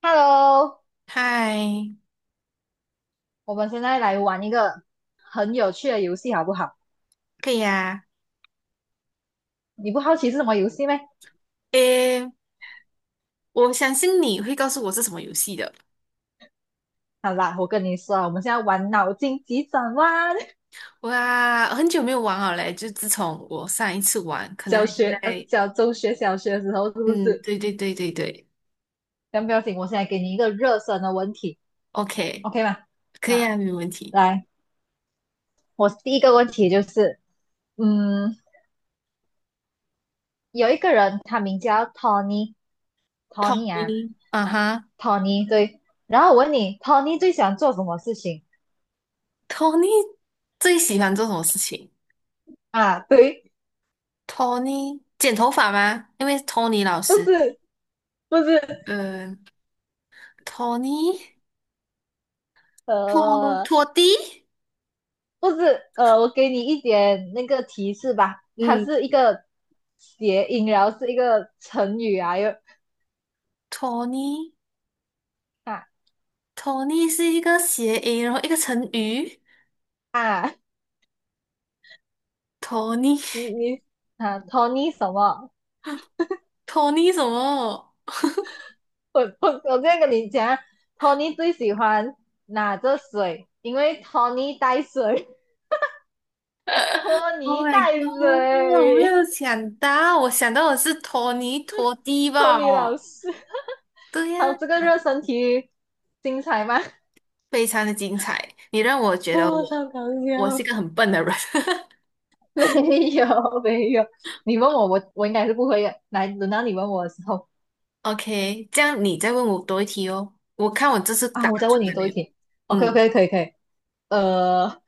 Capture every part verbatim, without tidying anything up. Hello，嗨，我们现在来玩一个很有趣的游戏，好不好？可以啊。你不好奇是什么游戏吗？诶，我相信你会告诉我是什么游戏的。好啦，我跟你说啊我们现在玩脑筋急转弯。哇，很久没有玩了嘞，就自从我上一次玩，可能还小是学，呃，在……小中学、小学的时候是不嗯，是？对对对对对先不要紧，我现在给你一个热身的问题，OK，，OK 吗？可以好，啊，没问题。来，我第一个问题就是，嗯，有一个人他名叫 Tony，Tony 啊 Tony，啊哈，Tony 对。然后我问你，Tony 最喜欢做什么事情，Tony 最喜欢做什么事情啊？对，？Tony 剪头发吗？因为 Tony 老不师，是，不是，嗯、t o n y 拖呃。拖地，不是，呃，我给你一点那个提示吧，它嗯是一个谐音，然后是一个成语啊，又，Tony，Tony 啊是一个谐音，然后一个成语。啊，托尼，你你啊，Tony 什么？托尼 什么我我我这样跟你讲啊，Tony 最喜欢拿着水，因为 Tony 带水，托？Oh 尼 my 带 god！我没水，有想到，我想到的是托尼托蒂托吧？尼老师。对好，呀，这个热身题精彩吗？非常的精彩，你让我觉得我哦，超搞我是一笑。个很笨的人。没有没有，你问我，我我应该是不会的。来，轮到你问我的时候 OK，这样你再问我多一题哦，我看我这次啊，答我再问出你来没多一有？题。OK 嗯，OK 可以可以。呃，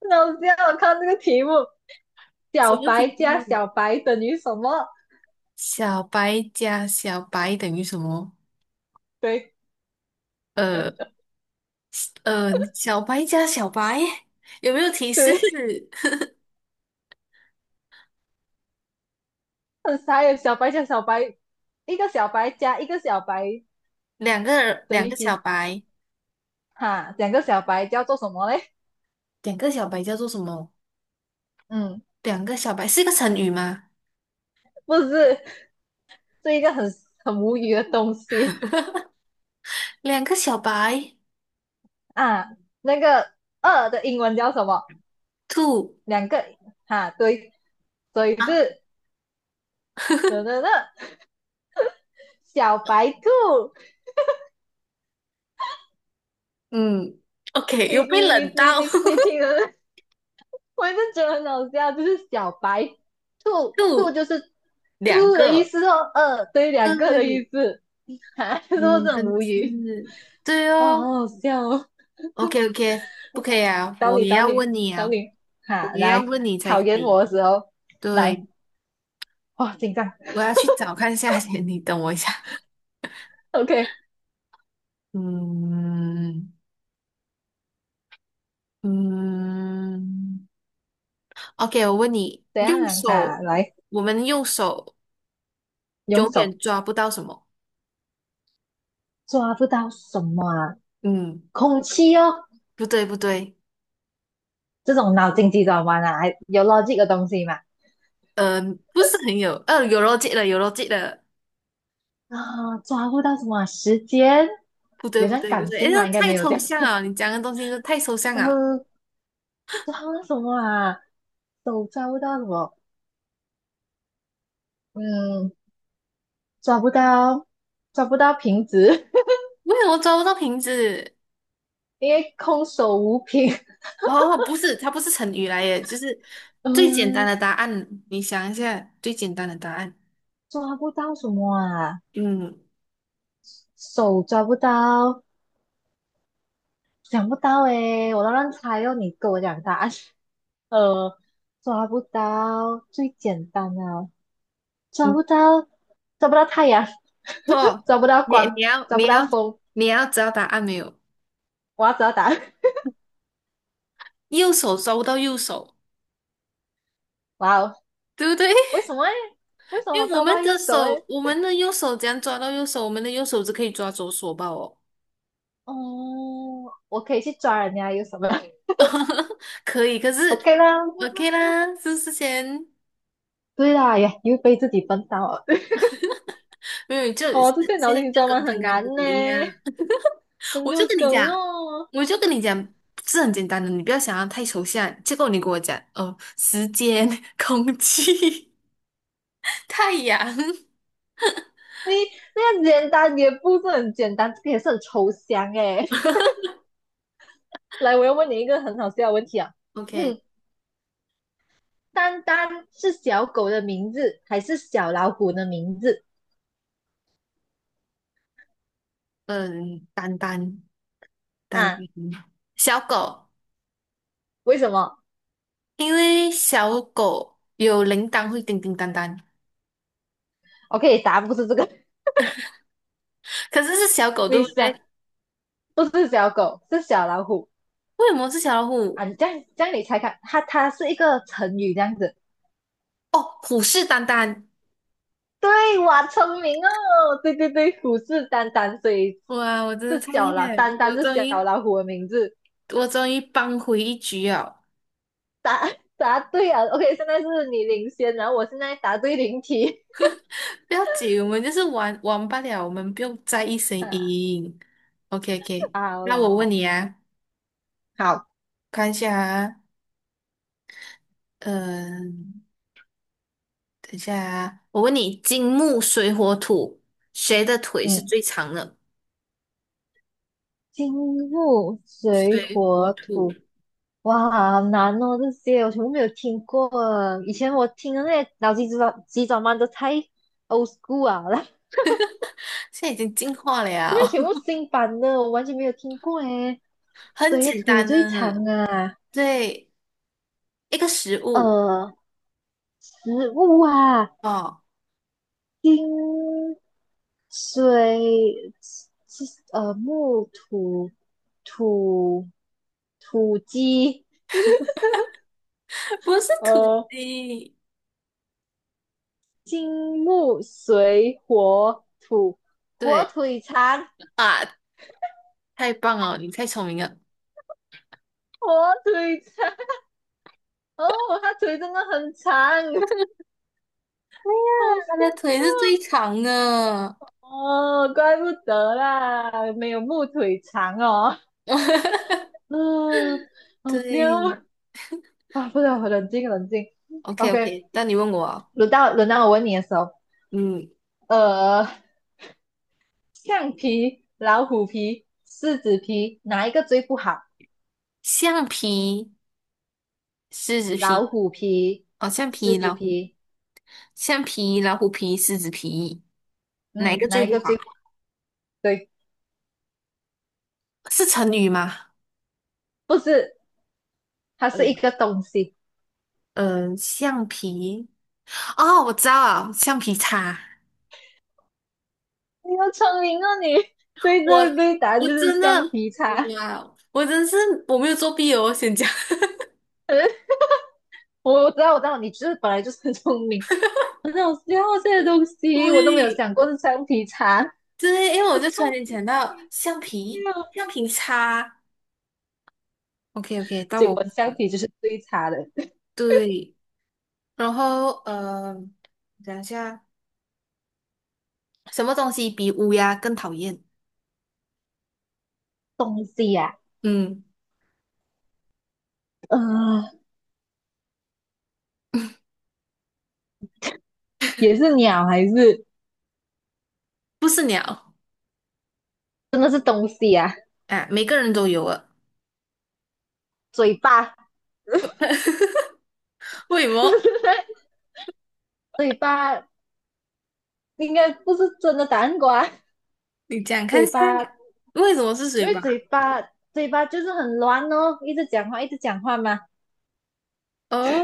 那我这样我看这个题目，什小么白题加目？小白等于什么？小白加小白等于什么？对呃呃，小白加小白有没有提示？对，很傻耶。小白加小白，一个小白加一个小白两个等两于个小几？白。哈，两个小白叫做什么嘞？两个小白叫做什么？嗯，两个小白是一个成语吗？不是，是一个很很无语的东西两个小白啊。那个二的英文叫什么？兔两个哈，对。所以啊，是等等等小白兔，嗯？OK，你又被你你冷你到 你 你听了，我就觉得很好笑，就是小白 w 兔，兔 o 就是两兔的意个，思哦，二对两个的意对，思，哈，就是不哟，是很真的无语？是对哦，哦。好好笑哦，OK OK，不可以啊，找我你也找要你问你找啊，你，我哈，也要来问你才考可验我以。的时候，来，对，哇，紧张我要去找看一下先，你等我一下。，OK，嗯嗯，OK，我问你，怎用样哈，手，来我们用手用永远手抓不到什么？抓不到什么啊，嗯，空气哦，不对不对，这种脑筋急转弯啊，有 l o 的东西嘛。嗯、不是很有，呃，有逻辑的，有逻辑的，啊，抓不到什么啊时间不对有不这样对不感对，诶，性这吗？应该太没有这抽样。象了，你讲的东西都太抽象 了，呃，抓不到什么啊？手抓不到什么？嗯，抓不到，抓不到瓶子，为什么抓不到瓶子？因为空手无瓶。哦，不是，它不是成语来耶，就是最简单嗯，的答案，你想一下最简单的答案，抓不到什么啊？嗯手抓不到，想不到诶，我都乱猜哦，你跟我讲答案。呃，抓不到最简单啊，抓嗯，不到，抓不到太阳，错，抓不到你你光，要抓不你到要风。你要知道答案没有？我要知道答案。右手抓不到右手，哇哦，对不对？为 什么诶为什因么为我抓不们到的右手手，诶我们的右手怎样抓到右手？我们的右手只可以抓左手吧？哦。哦，我可以去抓人家右手吗 可以，可 是 ？OK 啦。OK 啦，是不是先对啦，也又被自己笨到了。没有，就 是哦，这些现脑在筋急就转跟弯刚很刚难跟呢，我一样，很我就多跟你梗讲，哦。我就跟你讲，是很简单的，你不要想要太抽象。结果你跟我讲，哦，时间、空气、太阳你那个简单也不是很简单，这个也是很抽象诶。来，我要问你一个很好笑的问题啊。，OK，嗯，丹丹是小狗的名字还是小老虎的名字嗯，丹丹，丹啊？丹，小狗，为什么 因为小狗有铃铛会叮叮当当，o k 答案不是这个，可是是小 狗对你不想对？不是小狗，是小老虎为什么是小老啊！虎？你这样这样你猜看，它它是一个成语这样子。哦，虎视眈眈。对，哇，聪明哦！对对对，虎视眈眈，所以哇，我真的是太小厉老，害了！眈眈我是终小于，老虎的名字。我终于扳回一局了。答答对啊！OK，现在是你领先，然后我现在答对零题。不要紧，我们就是玩玩罢了，我们不用在意谁 啊赢。OK OK，好那我问啦，你啊，好，看一下啊，嗯、等一下啊，我问你，金木水火土，谁的腿是嗯，最长的？金木水水火火土，土哇，好难哦，这些我全部没有听过。以前我听的那些脑筋急转急转弯都太 old school 啊了，现在已经进化这在了，全部新版的，我完全没有听过诶。很谁的简腿单最长的，啊？对，一个食物呃，食物啊，哦，金水是呃木土土土鸡，不是土呃鸡，金木水火土，火对。腿肠，啊。太棒了，你太聪明了。呀，火腿肠。哦，他腿真的很长，好笑它的腿是最长的。哦！哦，怪不得啦，没有木腿长哦。嗯，好对笑啊！不能冷静冷静。，OK OK，OK，那你问我啊轮到轮到我问你的时候，嗯，呃，橡皮、老虎皮、狮子皮，哪一个最不好？橡皮、狮子老皮，虎皮、哦，橡狮皮、子老虎、皮，橡皮、老虎皮、狮子皮，哪一嗯，个最哪一不个好？最不对？是成语吗？不是，它是嗯一个东西。嗯，呃橡皮，哦，我知道了，橡皮擦。你好聪明啊，你！对我对对，答案我就是真橡的，皮我不擦。要，我真是我没有作弊哦，我先讲，我知道我知道，你就是本来就是很聪明，很好笑这些东 西，我都没有对，想过是橡皮擦，对，因为我我就突聪然间明想到橡皮，橡啊皮擦。OK OK，到结我果会橡讲。皮就是最差的对，然后呃，讲一下，什么东西比乌鸦更讨厌？东西呀、嗯，啊，呃也是鸟还是不是鸟真的是东西呀、啊？啊，每个人都有啊。嘴巴 为什么？嘴巴应该不是真的答案。瓜，你讲看嘴下，巴，因为什么是水为嘴吧？巴嘴巴就是很乱哦，一直讲话一直讲话嘛，哦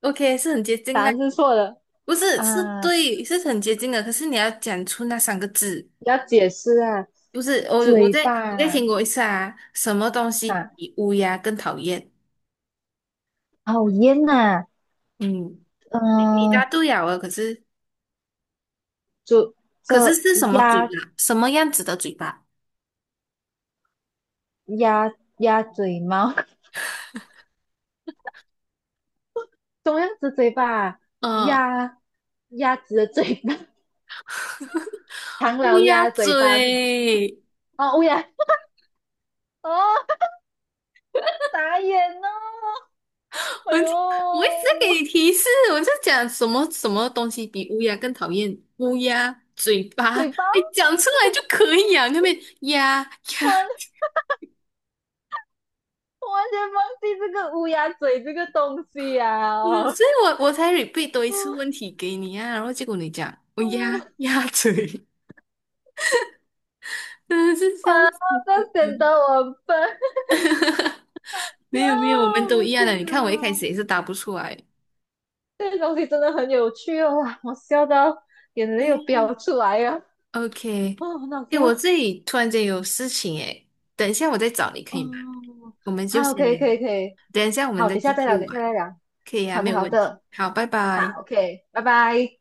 ，OK，是很接近答啦。案是错的不是，是啊，对，是很接近的。可是你要讲出那三个字，要解释啊，不是我，我嘴再巴你再听啊。过一次啊。什么东西啊，比乌鸦更讨厌？好夜呐，嗯，你你答嗯、对了啊可是就可是这是什么嘴鸭巴？什么样子的嘴巴？鸭鸭嘴猫，怎么样子嘴巴啊？嗯，鸭鸭子的嘴巴，唐乌老鸦鸭嘴巴是吗？嘴，哦，乌鸦，哦，打眼哦，哎我呦，就我一直在给你提示，我就讲什么什么东西比乌鸦更讨厌？乌鸦嘴巴，嘴巴，你讲出来就可以啊，那边呀我呀，完我完全忘记这个乌鸦嘴这个东西呀、嗯，啊，所以我我才 repeat 多一 次嗯问题给你啊，然后结果你讲乌嗯，鸦鸭嘴，真的是啊，笑这死！显得我很笨，哟，没有没有，我们我都的一样的，天你看我一开始哪！也是答不出来。这个东西真的很有趣哦，哇，我笑到眼泪对又呀 飙出来呀、OK，哦，很好哎，我笑，这里突然间有事情哎，等一下我再找你可以吗？哦，我们就好，可先以，聊，可以，可以，等一下我们好，再等一下继再续聊，等一下再玩，聊，可以啊，好没的，有好问题。的，好，拜拜。好，OK，拜拜。